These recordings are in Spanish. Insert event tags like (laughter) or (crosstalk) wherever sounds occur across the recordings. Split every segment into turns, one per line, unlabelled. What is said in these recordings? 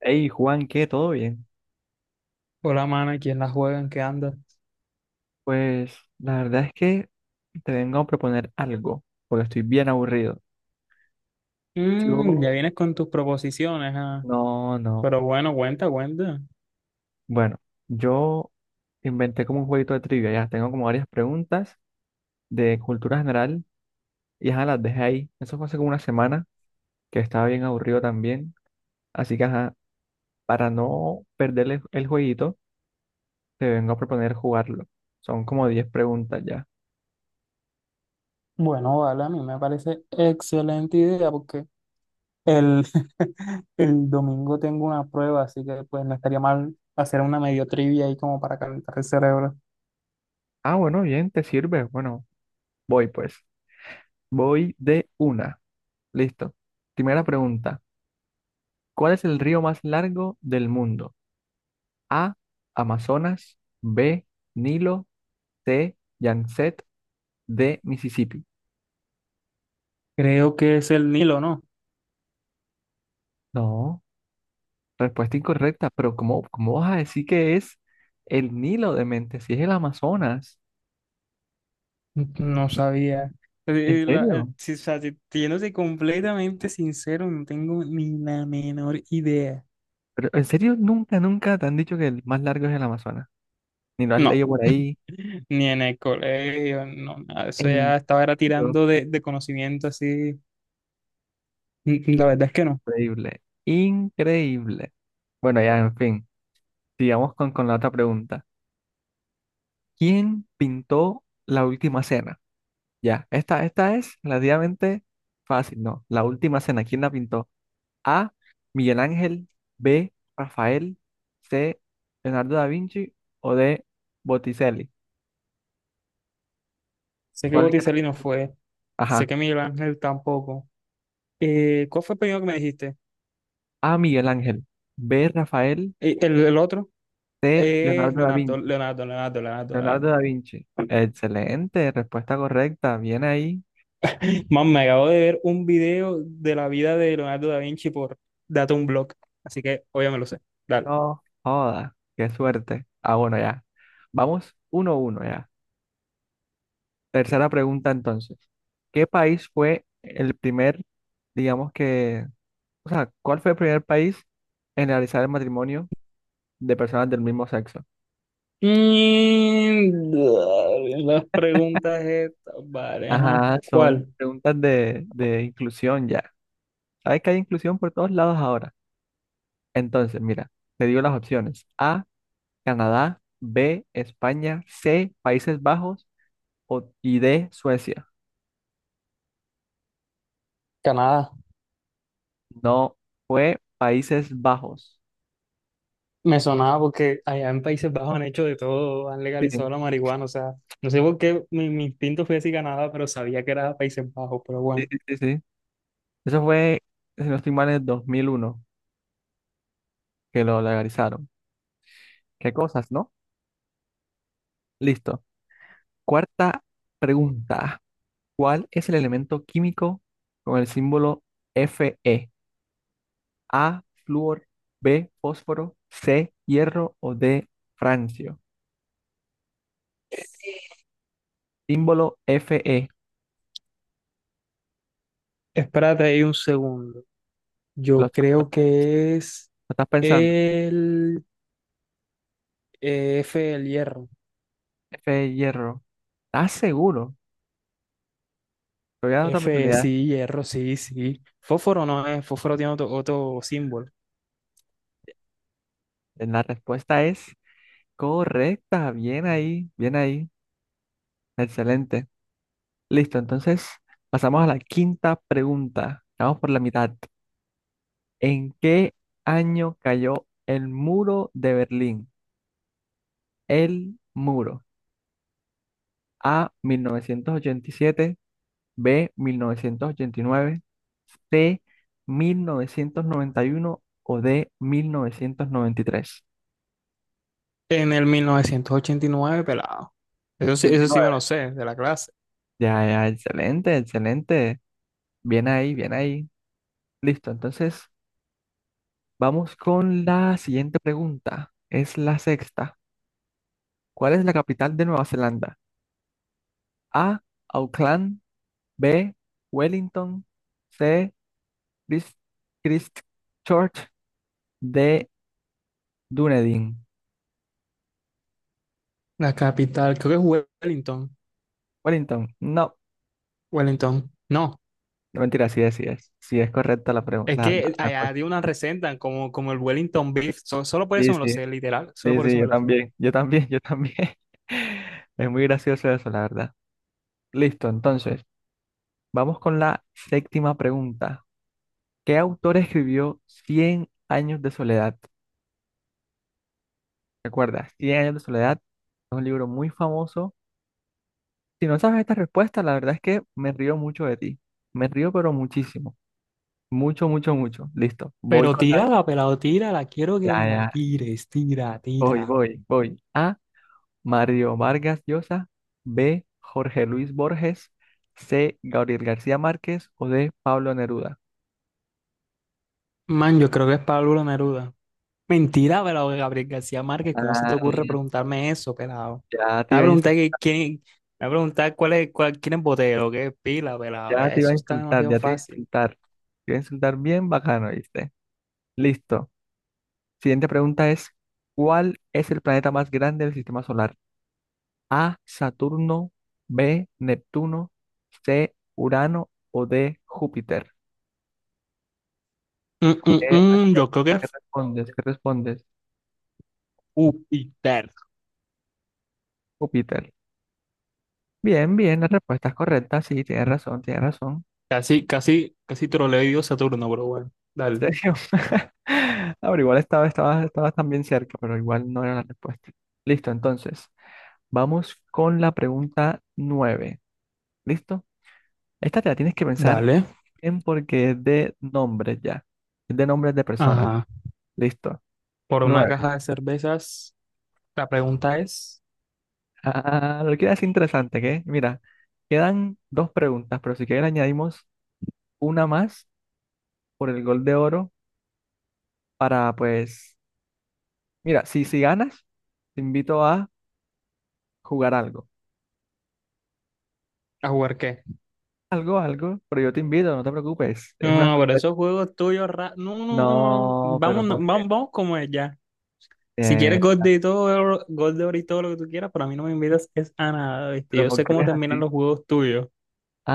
Hey Juan, ¿qué? ¿Todo bien?
Hola, mana, ¿quién la juega? ¿En qué anda?
Pues la verdad es que te vengo a proponer algo, porque estoy bien aburrido.
Ya
Yo,
vienes con tus proposiciones, ah.
no, no.
Pero bueno, cuenta, cuenta.
Bueno, yo inventé como un jueguito de trivia, ya tengo como varias preguntas de cultura general y ajá, las dejé ahí. Eso fue hace como una semana, que estaba bien aburrido también. Así que ajá, para no perderle el jueguito, te vengo a proponer jugarlo. Son como 10 preguntas ya.
Bueno, vale, a mí me parece excelente idea porque el, (laughs) el domingo tengo una prueba, así que pues no estaría mal hacer una medio trivia ahí como para calentar el cerebro.
Ah, bueno, bien, te sirve. Bueno, voy pues. Voy de una. Listo. Primera pregunta. ¿Cuál es el río más largo del mundo? A. Amazonas. B. Nilo. C. Yangtze. D. Mississippi.
Creo que es el Nilo, ¿no?
No, respuesta incorrecta, pero ¿cómo vas a decir que es el Nilo de mente si es el Amazonas?
No sabía.
¿En serio?
Si, o sea, siéndote completamente sincero, no tengo ni la menor idea.
Pero en serio, nunca te han dicho que el más largo es el Amazonas. Ni lo has
No,
leído por
(laughs)
ahí.
ni en el colegio, no, nada. Eso
En
ya estaba era
serio,
tirando de conocimiento así. La verdad es que no.
increíble. Increíble. Bueno, ya, en fin. Sigamos con la otra pregunta. ¿Quién pintó la última cena? Ya, esta es relativamente fácil, ¿no? La última cena, ¿quién la pintó? A. Miguel Ángel. B. Rafael. C. Leonardo da Vinci o D. Botticelli.
Sé que
¿Cuál crees
Botticelli
que
no
tú?
fue. Sé
Ajá.
que Miguel Ángel tampoco. ¿Cuál fue el primero que me dijiste?
A. Miguel Ángel. B. Rafael.
El otro
C.
es
Leonardo da
Leonardo,
Vinci.
Leonardo, Leonardo, Leonardo,
Leonardo
Leonardo.
da Vinci. Excelente, respuesta correcta. Bien ahí.
(laughs) Man, me acabo de ver un video de la vida de Leonardo da Vinci por Data un blog. Así que obviamente me lo sé. Dale.
No joda, qué suerte. Ah, bueno, ya. Vamos 1-1 ya. Tercera pregunta entonces. ¿Qué país fue el primer, digamos que, o sea, cuál fue el primer país en realizar el matrimonio de personas del mismo sexo?
Dale, las preguntas estas, vale, ajá.
Ajá, son
¿Cuál?
preguntas de inclusión ya. Sabes que hay inclusión por todos lados ahora. Entonces, mira, te digo las opciones. A, Canadá. B, España. C, Países Bajos o, y D, Suecia.
Canadá.
No, fue Países Bajos.
Me sonaba porque allá en Países Bajos han hecho de todo, han
Sí,
legalizado la marihuana, o sea, no sé por qué mi instinto fue decir Canadá, pero sabía que era Países Bajos, pero
sí,
bueno.
sí, sí, sí. Eso fue, si no estoy mal, en el 2001 que lo legalizaron. ¿Qué cosas, no? Listo. Cuarta pregunta. ¿Cuál es el elemento químico con el símbolo Fe? A, flúor. B, fósforo. C, hierro o D, francio. Símbolo Fe.
Espérate ahí un segundo.
¿Lo,
Yo
estás
creo que es
lo estás pensando?
el F, el hierro.
Fe, hierro. ¿Estás seguro? Te voy a dar otra
F,
oportunidad.
sí, hierro, sí, sí. Fósforo no es, fósforo tiene otro símbolo.
La respuesta es correcta. Bien ahí, bien ahí. Excelente. Listo, entonces pasamos a la quinta pregunta. Vamos por la mitad. ¿En qué año cayó el muro de Berlín? El muro. A, 1987. B, 1989. C, 1991 o D, 1993.
En el 1989 pelado. Eso sí me
89.
lo sé, de la clase.
Ya, ya, excelente, excelente. Bien ahí, bien ahí. Listo, entonces vamos con la siguiente pregunta. Es la sexta. ¿Cuál es la capital de Nueva Zelanda? A, Auckland. B, Wellington. C, Christ- Christchurch. D, Dunedin.
La capital, creo que es Wellington.
Wellington. No,
Wellington. No.
no mentira, sí es, sí es. Sí es correcta la
Es
pregunta.
que allá de una resentan como, como el Wellington Beef. Solo por
Sí,
eso me lo
sí,
sé, literal. Solo
sí,
por eso
sí,
me
yo
lo sé.
también, yo también, yo también. (laughs) Es muy gracioso eso, la verdad. Listo, entonces, vamos con la séptima pregunta. ¿Qué autor escribió Cien años de soledad? Recuerda, Cien años de soledad es un libro muy famoso. Si no sabes esta respuesta, la verdad es que me río mucho de ti. Me río, pero muchísimo. Mucho, mucho, mucho. Listo. Voy
Pero
con las.
tírala, pelado, tírala. Quiero que
Ya,
me la
ya.
tires. Tira,
Voy,
tira.
voy, voy. A. Mario Vargas Llosa. B. Jorge Luis Borges. C. Gabriel García Márquez. O D. Pablo Neruda.
Man, yo creo que es Pablo Neruda. Mentira, pelado, Gabriel García Márquez. ¿Cómo se te
Ah,
ocurre preguntarme eso, pelado?
ya te
Me va a
iba a, ins-
preguntar que quién. Me va a preguntar cuál es, cuál, quién es Botero, qué es Pila, pelado.
ya te iba a
Eso está
insultar,
demasiado
ya te iba a
fácil.
insultar. Te iba a insultar bien bacano, ¿viste? Listo. Siguiente pregunta es: ¿Cuál es el planeta más grande del sistema solar? A, Saturno. B, Neptuno. C, Urano o D, Júpiter.
Mm, mm,
¿Qué respon-
yo creo que
Qué
es
respondes? ¿Qué respondes?
Júpiter.
Júpiter. Bien, bien, la respuesta es correcta. Sí, tienes razón, tienes razón.
Casi, casi, casi troleo y digo Saturno, pero bueno.
¿En
Dale.
serio? (laughs) Ahora, igual estaba también cerca, pero igual no era la respuesta. Listo, entonces, vamos con la pregunta 9. ¿Listo? Esta te la tienes que pensar
Dale.
bien porque es de nombres ya. Es de nombres de personas.
Ajá.
Listo.
Por una
Nueve.
caja de cervezas, la pregunta es,
Ah, lo que es interesante, que mira, quedan dos preguntas, pero si quieres añadimos una más por el gol de oro para, pues, mira, si ganas, te invito a jugar algo.
¿a jugar qué?
Algo, algo, pero yo te invito, no te preocupes, es una
No, no, pero
sorpresa.
esos juegos tuyos, no, no, no, no,
No, pero
vamos, no,
¿por qué?
vamos, vamos como es ya. Si
Eh,
quieres gold de todo, gold de oro y todo lo que tú quieras, pero a mí no me invitas es a nada, ¿viste?
pero
Yo
¿por
sé
qué
cómo
eres
terminan
así?
los juegos tuyos.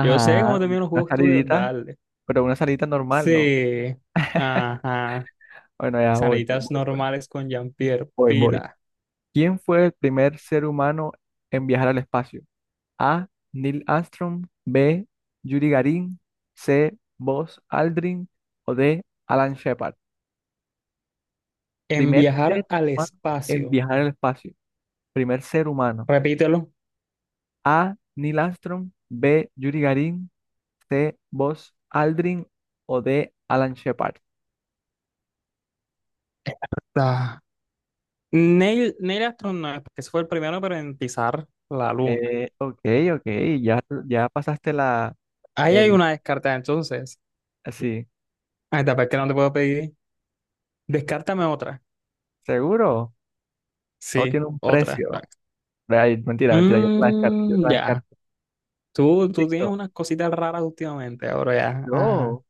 Yo sé cómo terminan los
una
juegos tuyos,
salidita,
dale.
pero una salidita normal, ¿no?
Sí, ajá.
Bueno, ya voy, pues,
Salidas
voy, pues,
normales con Jean-Pierre,
voy, voy.
pila.
¿Quién fue el primer ser humano en viajar al espacio? A. Neil Armstrong. B. Yuri Gagarin. C. Buzz Aldrin. O D. Alan Shepard.
En
Primer ser
viajar al
humano en
espacio,
viajar al espacio. Primer ser humano.
repítelo.
A. Neil Armstrong. B. Yuri Gagarin. C. Buzz Aldrin. O D. Alan Shepard.
Neil astronauta, que fue el primero pero en pisar la luna.
Ok, ok. Ya, ya pasaste la...
Ahí hay
El,
una descarta, entonces.
sí.
Ahí está tapé qué no te puedo pedir. Descártame otra.
¿Seguro? No
Sí,
tiene un
otra.
precio.
Va.
Ay, mentira, mentira. Yo te la descarto. Yo te la
Ya.
descarto.
Tú tienes
Listo.
unas cositas raras últimamente, ahora ya. Ajá.
No.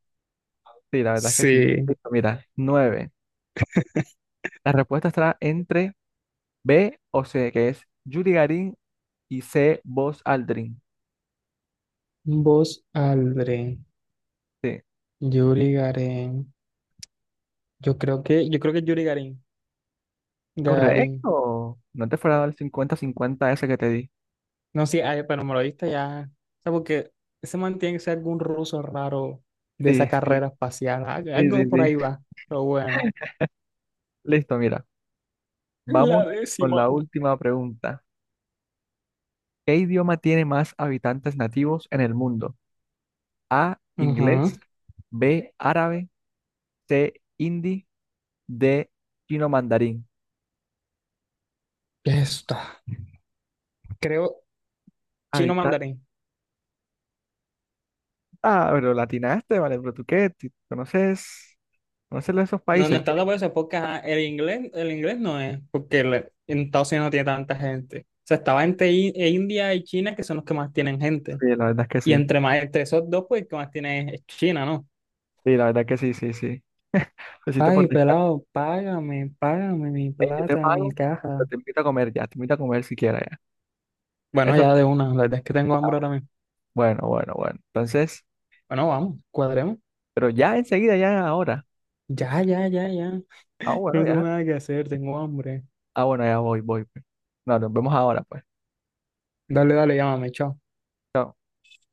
Sí, la verdad es que sí.
Sí.
Listo, mira, nueve. La respuesta estará entre B o C, que es Yuri Garin y C, Buzz Aldrin.
Vos, Aldrin,
Sí,
Yuri Gagarin. Yo creo que es Yuri Gagarin. Gagarin.
correcto. No te fuera a dar el 50-50 ese que te di.
No, sí, ay, pero me lo diste ya. O sea, porque ese man tiene que ser algún ruso raro de esa
Sí, sí,
carrera espacial.
sí,
Algo
sí,
por
sí.
ahí va. Pero bueno.
Listo, mira.
La
Vamos con la
décima.
última pregunta. ¿Qué idioma tiene más habitantes nativos en el mundo? A,
Ujú.
inglés. B, árabe. C, hindi. D, chino mandarín.
Ya está. Creo chino mandarín.
Ah, pero latinaste, vale, pero tú qué, ¿tú conoces, conoces esos
No, no
países que
está de acuerdo porque ajá, el inglés no es, porque en Estados Unidos no tiene tanta gente. O sea, estaba entre e India y China, que son los que más tienen gente.
sí, la verdad es que
Y
sí,
entre más, entre esos dos, pues el que más tiene es China, ¿no?
sí, la verdad es que sí, sí, sí? (laughs) Lo hiciste por
Ay,
descarte.
pelado, págame, págame mi
Ey, yo te
plata, mi
pago, pero
caja.
te invito a comer ya, te invito a comer si quieres ya.
Bueno,
Eso,
ya de una, la verdad es que tengo hambre ahora mismo.
bueno, bueno, bueno. Entonces,
Bueno, vamos, cuadremos.
pero ya enseguida, ya ahora.
Ya.
Ah, bueno,
No tengo
ya.
nada que hacer, tengo hambre.
Ah, bueno, ya voy, voy, pues. No, nos vemos ahora, pues.
Dale, dale, llámame, chao.
Chao.